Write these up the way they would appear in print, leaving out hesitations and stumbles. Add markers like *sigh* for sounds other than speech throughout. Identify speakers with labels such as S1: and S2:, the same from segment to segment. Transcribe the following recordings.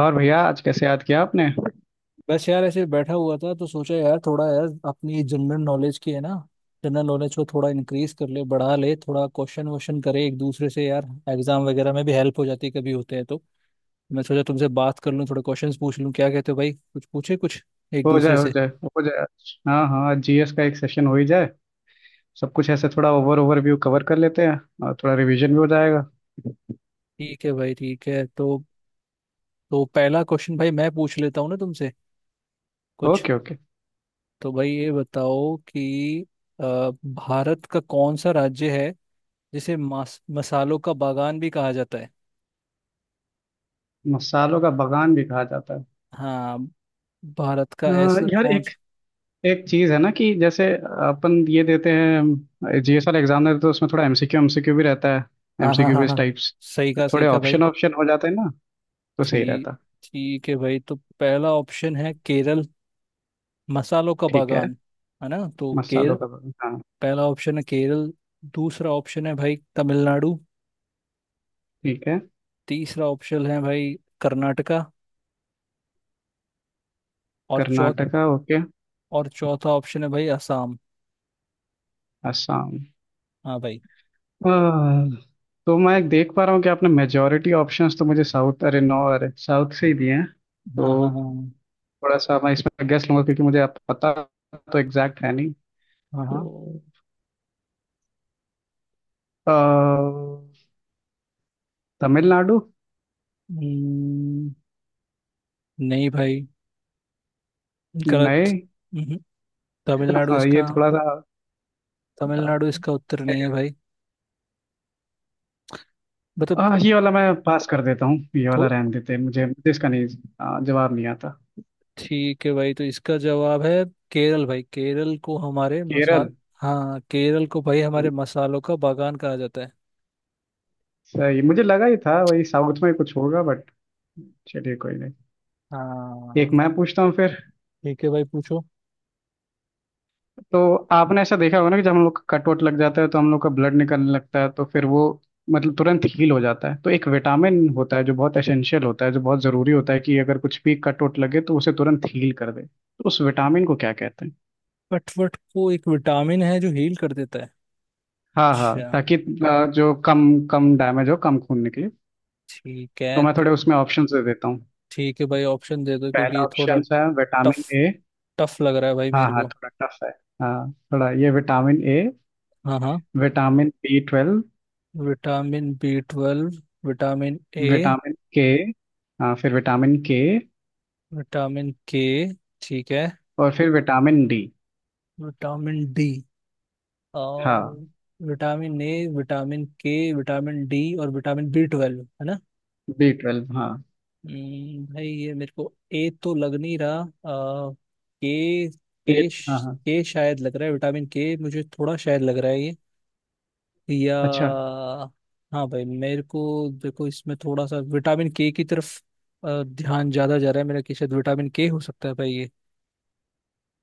S1: और भैया, आज कैसे याद किया आपने?
S2: बस यार ऐसे बैठा हुआ था तो सोचा यार थोड़ा यार अपनी जनरल नॉलेज की है ना। जनरल नॉलेज को थोड़ा इंक्रीज कर ले, बढ़ा ले, थोड़ा क्वेश्चन वोश्चन करे एक दूसरे से यार। एग्जाम वगैरह में भी हेल्प हो जाती है कभी होते हैं तो। मैं सोचा तुमसे बात कर लूँ, थोड़े क्वेश्चंस पूछ लूँ। क्या कहते हो भाई? कुछ पूछे कुछ एक
S1: हो जाए
S2: दूसरे
S1: हो
S2: से।
S1: जाए हो जाए आज। हाँ हाँ, आज जीएस का एक सेशन हो ही जाए। सब कुछ ऐसे थोड़ा ओवरव्यू कवर कर लेते हैं। और थोड़ा रिवीजन भी हो जाएगा।
S2: ठीक है भाई, ठीक है। तो पहला क्वेश्चन भाई मैं पूछ लेता हूँ ना तुमसे कुछ।
S1: Okay okay.
S2: तो भाई ये बताओ कि अ, भारत का कौन सा राज्य है जिसे मास मसालों का बागान भी कहा जाता है?
S1: मसालों का बगान भी कहा जाता है।
S2: हाँ, भारत का ऐसा
S1: यार,
S2: कौन
S1: एक
S2: सा।
S1: एक चीज है ना कि जैसे अपन ये देते हैं, जीएस वाला एग्जाम देते हैं, तो उसमें थोड़ा एमसीक्यू एमसीक्यू भी रहता है।
S2: हाँ हाँ
S1: एमसीक्यू
S2: हाँ
S1: बेस्ड
S2: हाँ।
S1: टाइप्स।
S2: सही कहा, सही
S1: थोड़े
S2: कहा भाई।
S1: ऑप्शन ऑप्शन हो जाते हैं ना, तो सही
S2: ठीक
S1: रहता।
S2: ठीक है भाई। तो पहला ऑप्शन है केरल, मसालों का
S1: ठीक है।
S2: बागान, है ना तो केरल।
S1: मसालों का बगान, हाँ।
S2: पहला ऑप्शन है केरल। दूसरा ऑप्शन है भाई तमिलनाडु।
S1: ठीक है।
S2: तीसरा ऑप्शन है भाई कर्नाटका। और चौथ
S1: कर्नाटका, ओके।
S2: और चौथा ऑप्शन है भाई असम।
S1: असम।
S2: हाँ भाई।
S1: हाँ, तो मैं देख पा रहा हूँ कि आपने मेजोरिटी ऑप्शंस तो मुझे साउथ, अरे नो, अरे साउथ से ही दिए हैं,
S2: हाँ हाँ
S1: तो
S2: हाँ
S1: थोड़ा सा मैं इसमें गेस लूंगा क्योंकि मुझे आप पता, तो एग्जैक्ट है नहीं।
S2: हाँ हाँ।
S1: तो अ, तमिलनाडु।
S2: हम्म, नहीं भाई, गलत।
S1: नहीं।
S2: हम्म, तमिलनाडु
S1: हाँ, ये
S2: इसका।
S1: थोड़ा सा अ,
S2: तमिलनाडु
S1: क्या
S2: इसका उत्तर नहीं है
S1: कहते-
S2: भाई, मतलब।
S1: ये वाला मैं पास कर देता हूँ, ये
S2: तो
S1: वाला रहने देते हैं, मुझे मुझे इसका नहीं जवाब नहीं आता।
S2: ठीक है भाई तो इसका जवाब है केरल भाई। केरल को हमारे मसाल
S1: केरल।
S2: हाँ, केरल को भाई हमारे
S1: हम्म।
S2: मसालों का बागान कहा जाता है।
S1: सही, मुझे लगा ही था वही साउथ में कुछ होगा, बट चलिए कोई नहीं। एक
S2: हाँ,
S1: मैं पूछता हूँ फिर।
S2: ठीक है भाई पूछो।
S1: तो आपने ऐसा देखा होगा ना कि जब हम लोग का कट वट लग जाता है तो हम लोग का ब्लड निकलने लगता है, तो फिर वो मतलब तुरंत हील हो जाता है, तो एक विटामिन होता है जो बहुत एसेंशियल होता है, जो बहुत जरूरी होता है कि अगर कुछ भी कट वट लगे तो उसे तुरंत हील कर दे, तो उस विटामिन को क्या कहते हैं?
S2: कटवट को एक विटामिन है जो हील कर देता है।
S1: हाँ हाँ,
S2: अच्छा।
S1: ताकि जो कम कम डैमेज हो, कम खून निकले।
S2: ठीक
S1: तो
S2: है
S1: मैं थोड़े
S2: तो।
S1: उसमें ऑप्शन दे देता हूँ।
S2: ठीक है भाई ऑप्शन दे दो, क्योंकि
S1: पहला
S2: ये थोड़ा
S1: ऑप्शन है
S2: टफ
S1: विटामिन ए।
S2: टफ लग रहा है भाई
S1: हाँ
S2: मेरे
S1: हाँ,
S2: को।
S1: थोड़ा टफ है। हाँ, थोड़ा ये विटामिन ए,
S2: हाँ हाँ।
S1: Vitamin B twelve,
S2: vitamin B twelve. Vitamin A,
S1: vitamin K. हाँ, फिर विटामिन के।
S2: विटामिन के, ठीक है,
S1: और फिर विटामिन डी।
S2: Vitamin D.
S1: हाँ।
S2: और vitamin A, vitamin K, vitamin D और विटामिन बी ट्वेल्व है ना।
S1: बी ट्वेल्व, हाँ।
S2: भाई ये मेरे को ए तो लग नहीं रहा। आ, के
S1: ये।
S2: के
S1: हाँ
S2: श-
S1: हाँ।
S2: के शायद लग रहा है, विटामिन के मुझे थोड़ा शायद लग रहा है ये। या
S1: अच्छा।
S2: हाँ भाई मेरे को, देखो इसमें थोड़ा सा विटामिन के की तरफ ध्यान ज्यादा जा रहा है मेरा कि शायद विटामिन के हो सकता है भाई ये।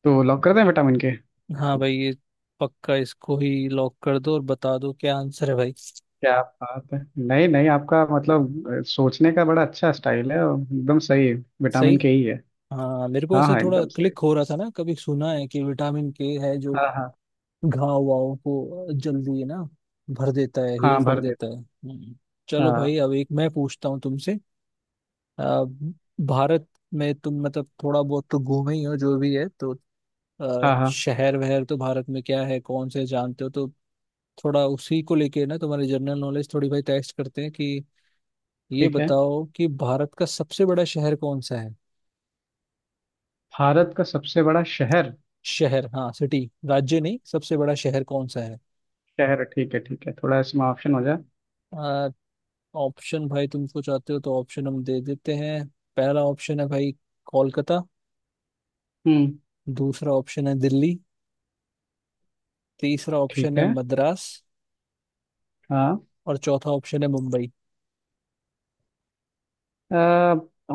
S1: तो लॉक कर दें विटामिन के?
S2: हाँ भाई ये, पक्का इसको ही लॉक कर दो और बता दो क्या आंसर है भाई।
S1: क्या बात है! नहीं नहीं, आपका मतलब सोचने का बड़ा अच्छा स्टाइल है और एकदम सही है।
S2: सही।
S1: विटामिन के ही है।
S2: हाँ मेरे को
S1: हाँ
S2: ऐसे
S1: हाँ,
S2: थोड़ा
S1: एकदम सही।
S2: क्लिक हो रहा था ना, कभी सुना है कि विटामिन के है जो
S1: हाँ हाँ।
S2: घाव वाव को जल्दी ना भर देता है,
S1: हाँ,
S2: हील कर
S1: भर
S2: देता
S1: देता।
S2: है। हम्म। चलो
S1: हाँ
S2: भाई अब एक मैं पूछता हूँ तुमसे। अ, भारत में तुम मतलब थोड़ा बहुत तो घूमे ही हो जो भी है तो
S1: हाँ। हाँ,
S2: शहर वहर तो भारत में क्या है कौन से जानते हो तो थोड़ा उसी को लेके ना तुम्हारी जनरल नॉलेज थोड़ी भाई टेस्ट करते हैं कि ये
S1: ठीक है।
S2: बताओ कि भारत का सबसे बड़ा शहर कौन सा है?
S1: भारत का सबसे बड़ा शहर।
S2: शहर हाँ, सिटी, राज्य नहीं, सबसे बड़ा शहर कौन सा है?
S1: शहर, ठीक है ठीक है, थोड़ा इसमें ऑप्शन हो जाए।
S2: ऑप्शन भाई तुमको चाहते हो तो ऑप्शन हम दे देते हैं। पहला ऑप्शन है भाई कोलकाता।
S1: हम्म।
S2: दूसरा ऑप्शन है दिल्ली। तीसरा ऑप्शन
S1: ठीक
S2: है
S1: है।
S2: मद्रास।
S1: हाँ।
S2: और चौथा ऑप्शन है मुंबई।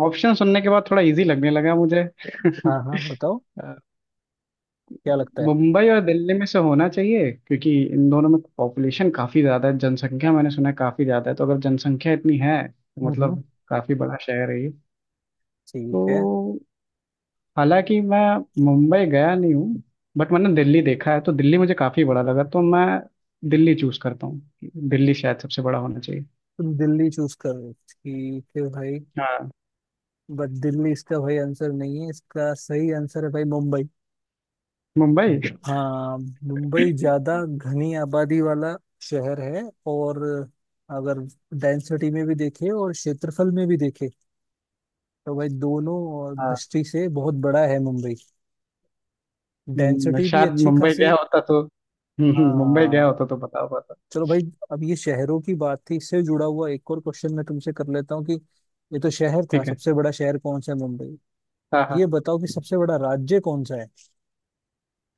S1: ऑप्शन सुनने के बाद थोड़ा इजी लगने लगा मुझे।
S2: हाँ हाँ
S1: *laughs*
S2: बताओ क्या लगता है।
S1: मुंबई और दिल्ली में से होना चाहिए क्योंकि इन दोनों में पॉपुलेशन काफी ज्यादा है, जनसंख्या मैंने सुना है काफी ज्यादा है, तो अगर जनसंख्या इतनी है तो
S2: हम्म हम्म,
S1: मतलब काफी बड़ा शहर है ये।
S2: ठीक है।
S1: तो हालांकि मैं मुंबई गया नहीं हूँ, बट मैंने दिल्ली देखा है तो दिल्ली मुझे काफी बड़ा लगा, तो मैं दिल्ली चूज करता हूँ। दिल्ली शायद सबसे बड़ा होना चाहिए।
S2: तुम दिल्ली चूज कर रहे हो। ठीक है भाई।
S1: हाँ।
S2: बट दिल्ली इसका भाई आंसर नहीं है, इसका सही आंसर है भाई मुंबई।
S1: मुंबई।
S2: हम्म। हाँ। मुंबई ज्यादा घनी आबादी वाला शहर है। और अगर डेंसिटी में भी देखे और क्षेत्रफल में भी देखे तो भाई दोनों
S1: हाँ।
S2: दृष्टि से बहुत बड़ा है मुंबई। डेंसिटी भी
S1: शायद
S2: अच्छी
S1: मुंबई
S2: खासी है।
S1: गया होता तो मुंबई गया
S2: हाँ।
S1: होता तो बता पाता।
S2: चलो भाई अब ये शहरों की बात थी, इससे जुड़ा हुआ एक और क्वेश्चन मैं तुमसे कर लेता हूँ कि ये तो शहर था,
S1: ठीक है।
S2: सबसे बड़ा शहर कौन सा है, मुंबई।
S1: हाँ
S2: ये
S1: हाँ।
S2: बताओ कि सबसे बड़ा राज्य कौन सा है?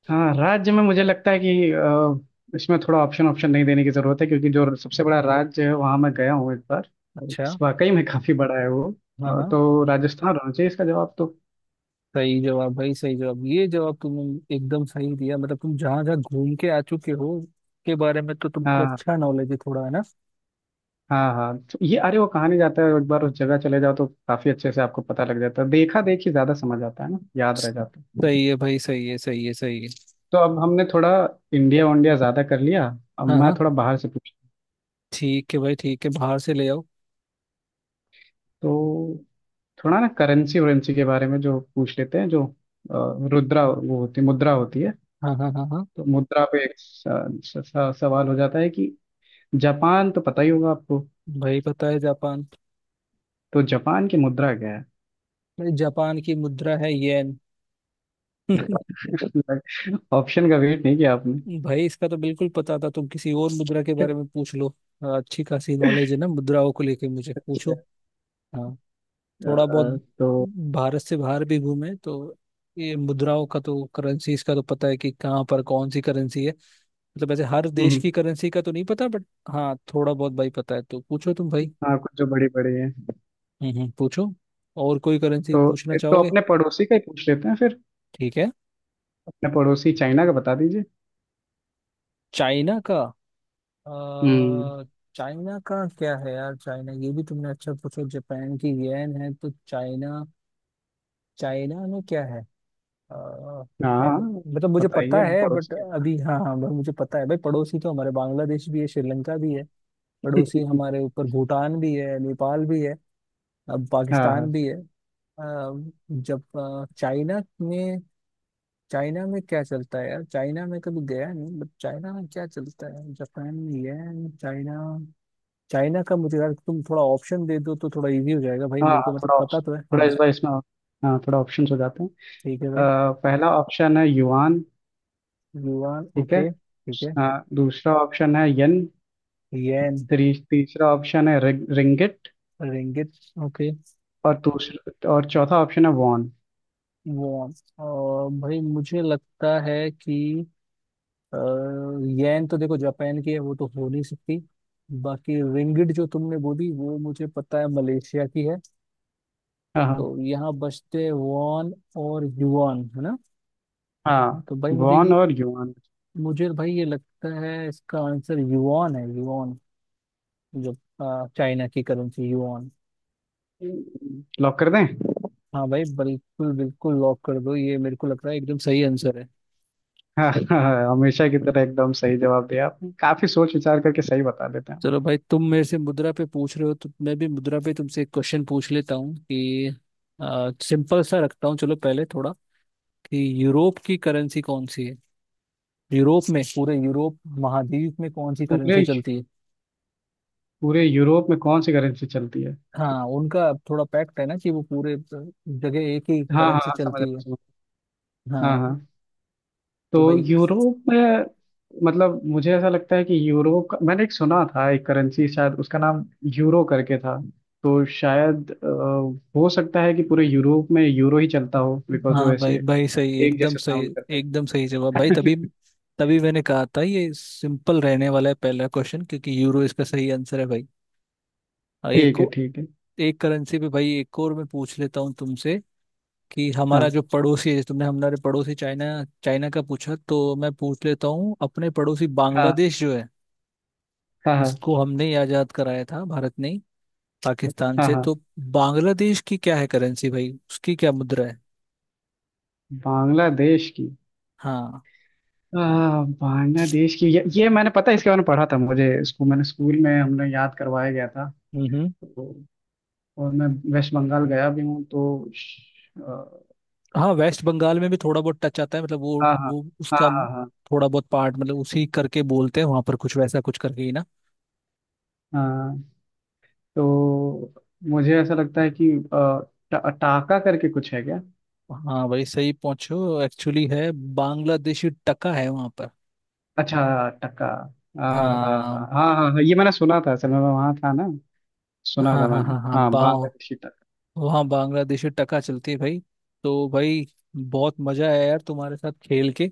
S1: हाँ, राज्य में मुझे लगता है कि इसमें थोड़ा ऑप्शन ऑप्शन नहीं देने की जरूरत है क्योंकि जो सबसे बड़ा राज्य है वहाँ मैं गया हूँ एक बार, और
S2: अच्छा।
S1: वाकई में काफी बड़ा है वो।
S2: हाँ हाँ।
S1: तो राजस्थान होना चाहिए इसका जवाब। तो
S2: सही जवाब भाई, सही जवाब। ये जवाब तुमने एकदम सही दिया। मतलब तुम जहाँ जहाँ घूम के आ चुके हो के बारे में तो तुमको
S1: हाँ
S2: अच्छा नॉलेज है थोड़ा, है ना।
S1: हाँ हाँ, तो ये अरे वो कहानी जाता है, एक बार उस जगह चले जाओ तो काफी अच्छे से आपको पता लग जाता है, देखा देखी ज्यादा समझ आता है ना, याद रह जाता है।
S2: सही है भाई, सही है, सही है, सही है।
S1: तो अब हमने थोड़ा इंडिया वंडिया ज्यादा कर लिया, अब
S2: हाँ
S1: मैं
S2: हाँ
S1: थोड़ा बाहर से पूछ।
S2: ठीक है भाई, ठीक है बाहर से ले आओ।
S1: तो थोड़ा ना करेंसी वरेंसी के बारे में जो पूछ लेते हैं, जो रुद्रा वो होती मुद्रा होती है।
S2: हाँ हाँ हाँ हाँ।
S1: तो मुद्रा पे एक सवाल हो जाता है कि जापान तो पता ही होगा आपको।
S2: भाई पता है जापान।
S1: तो जापान की मुद्रा क्या है?
S2: भाई जापान की मुद्रा है येन। *laughs*
S1: *laughs* ऑप्शन का वेट नहीं किया आपने?
S2: भाई इसका तो बिल्कुल पता था, तुम किसी और मुद्रा के बारे
S1: *laughs*
S2: में पूछ लो। हाँ, अच्छी खासी नॉलेज है ना मुद्राओं को लेके, मुझे
S1: अच्छा।
S2: पूछो। हाँ थोड़ा बहुत,
S1: तो
S2: भारत से बाहर भी घूमे तो ये मुद्राओं का तो, करेंसीज का तो पता है कि कहाँ पर कौन सी करेंसी है। मतलब ऐसे हर देश
S1: हम्म।
S2: की करेंसी का तो नहीं पता बट हाँ थोड़ा बहुत भाई पता है, तो पूछो तुम भाई।
S1: हाँ, कुछ जो बड़ी बड़ी है
S2: पूछो, और कोई करेंसी
S1: तो
S2: पूछना
S1: तो
S2: चाहोगे।
S1: अपने पड़ोसी का ही पूछ लेते हैं फिर।
S2: ठीक है।
S1: अपने पड़ोसी चाइना का बता दीजिए।
S2: चाइना का,
S1: हम्म।
S2: अ, चाइना का क्या है यार? चाइना ये भी तुमने अच्छा पूछा, जापान की येन है तो चाइना, चाइना में क्या है? अ, है-
S1: हाँ,
S2: मतलब मुझे
S1: पता ही
S2: पता
S1: है,
S2: है बट
S1: पड़ोसी है।
S2: अभी, हाँ हाँ भाई मुझे पता है भाई। पड़ोसी तो हमारे बांग्लादेश भी है, श्रीलंका भी है, पड़ोसी
S1: *laughs*
S2: हमारे ऊपर भूटान भी है, नेपाल भी है, अब
S1: हाँ
S2: पाकिस्तान
S1: हाँ
S2: भी है। अ, जब चाइना में, चाइना में क्या चलता है यार? चाइना में कभी गया नहीं बट चाइना में क्या चलता है? जापान में येन, चाइना, चाइना का मुझे यार तुम थोड़ा ऑप्शन दे दो तो थोड़ा इजी हो जाएगा भाई
S1: हाँ
S2: मेरे को,
S1: हाँ,
S2: मतलब
S1: थोड़ा
S2: पता
S1: ऑप्शन,
S2: तो है।
S1: थोड़ा
S2: हाँ
S1: इस बार इसमें, हाँ, थोड़ा ऑप्शन हो जाते हैं।
S2: ठीक है भाई।
S1: अ, पहला ऑप्शन है युआन।
S2: युआन,
S1: ठीक है।
S2: ओके ठीक है।
S1: हाँ, दूसरा ऑप्शन है यन।
S2: येन।
S1: तीसरा ऑप्शन है रिंगिट।
S2: Ringgit, okay.
S1: और चौथा ऑप्शन है वॉन।
S2: वॉन। और भाई मुझे लगता है कि येन तो देखो जापान की है, वो तो हो नहीं सकती। बाकी रिंगिट जो तुमने बोली वो मुझे पता है मलेशिया की है। तो
S1: हाँ
S2: यहाँ बचते हैं वॉन और युआन है ना।
S1: हाँ।
S2: तो भाई
S1: वॉन और युआन।
S2: मुझे भाई ये लगता है इसका आंसर युआन है, युआन जो चाइना की करेंसी, युआन।
S1: लॉक कर दें? *laughs*
S2: हाँ भाई बिल्कुल बिल्कुल लॉक कर दो, ये मेरे को लग रहा है एकदम सही आंसर है।
S1: हाँ हाँ, हमेशा की तरह एकदम सही जवाब दिया आपने, काफी सोच विचार करके सही बता देते हैं।
S2: चलो भाई तुम मेरे से मुद्रा पे पूछ रहे हो तो मैं भी मुद्रा पे तुमसे एक क्वेश्चन पूछ लेता हूँ कि सिंपल सा रखता हूँ चलो पहले थोड़ा, कि यूरोप की करेंसी कौन सी है? यूरोप में, पूरे यूरोप महाद्वीप में कौन सी करेंसी
S1: पूरे
S2: चलती है?
S1: पूरे यूरोप में कौन सी करेंसी चलती है?
S2: हाँ उनका थोड़ा पैक्ट है ना कि वो पूरे जगह एक ही
S1: हाँ हाँ
S2: करेंसी
S1: हाँ, समझ रहा
S2: चलती
S1: हूँ,
S2: है।
S1: समझ रहा हूँ। हाँ
S2: हाँ।
S1: हाँ।
S2: तो
S1: तो
S2: भाई
S1: यूरोप में मतलब मुझे ऐसा लगता है कि यूरो का मैंने एक सुना था, एक करेंसी शायद उसका नाम यूरो करके था। तो शायद हो सकता है कि पूरे यूरोप में यूरो ही चलता हो बिकॉज वो
S2: हाँ भाई
S1: ऐसे
S2: भाई सही,
S1: एक
S2: एकदम
S1: जैसे
S2: सही,
S1: साउंड करता
S2: एकदम सही जवाब भाई।
S1: है।
S2: तभी
S1: *laughs*
S2: तभी मैंने कहा था ये सिंपल रहने वाला है पहला क्वेश्चन, क्योंकि यूरो इसका सही आंसर है भाई। और एक
S1: ठीक है
S2: को
S1: ठीक है।
S2: एक करेंसी पे भाई एक और मैं पूछ लेता हूँ तुमसे कि हमारा
S1: हाँ
S2: जो पड़ोसी है, तुमने हमारे पड़ोसी चाइना, चाइना का पूछा तो मैं पूछ लेता हूँ अपने पड़ोसी
S1: हाँ
S2: बांग्लादेश जो है,
S1: हाँ हाँ
S2: इसको हमने ही आजाद कराया था भारत ने पाकिस्तान
S1: हाँ।
S2: से
S1: हाँ।
S2: तो। बांग्लादेश की क्या है करेंसी भाई, उसकी क्या मुद्रा है?
S1: बांग्लादेश की
S2: हाँ
S1: आ, बांग्लादेश की ये मैंने पता है, इसके बारे में पढ़ा था, मुझे स्कूल, मैंने स्कूल में हमने याद करवाया गया था। तो, और मैं वेस्ट बंगाल गया भी हूँ तो
S2: हाँ वेस्ट बंगाल में भी थोड़ा बहुत टच आता है, मतलब वो
S1: हाँ हाँ
S2: वो उसका
S1: हाँ हाँ
S2: थोड़ा बहुत पार्ट, मतलब उसी करके बोलते हैं वहां पर कुछ वैसा कुछ करके ही ना।
S1: हाँ हाँ। तो मुझे ऐसा लगता है कि टाका करके कुछ है क्या?
S2: हाँ भाई सही पहुंचो, एक्चुअली है, बांग्लादेशी टका है वहां पर।
S1: अच्छा, टका। हाँ। हाँ हाँ
S2: हाँ
S1: हाँ हाँ हाँ, ये मैंने सुना था, असल में मैं वहाँ था ना, सुना
S2: हाँ
S1: था
S2: हाँ
S1: मैंने,
S2: हाँ हाँ।
S1: हाँ,
S2: बा
S1: बांग्लादेशी टका।
S2: वहाँ बांग्लादेशी टका चलती है भाई। तो भाई बहुत मजा आया यार तुम्हारे साथ खेल के।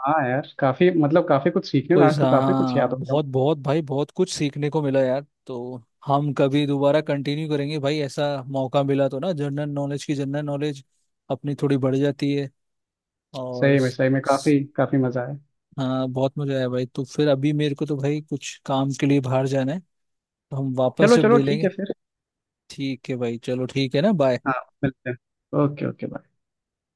S1: हाँ, यार, काफी मतलब काफी कुछ सीखने में,
S2: क्विज
S1: आज तो काफी कुछ
S2: हाँ,
S1: याद हो गया।
S2: बहुत बहुत भाई बहुत कुछ सीखने को मिला यार। तो हम कभी दोबारा कंटिन्यू करेंगे भाई ऐसा मौका मिला तो ना, जनरल नॉलेज की, जनरल नॉलेज अपनी थोड़ी बढ़ जाती है। और स-
S1: सही में
S2: स-
S1: काफी काफी मजा आया।
S2: हाँ बहुत मजा आया भाई। तो फिर अभी मेरे को तो भाई कुछ काम के लिए बाहर जाना है, तो हम वापस
S1: चलो
S2: जब
S1: चलो, ठीक
S2: मिलेंगे।
S1: है फिर।
S2: ठीक है भाई चलो ठीक है ना, बाय।
S1: हाँ, मिलते हैं। Okay okay, bye.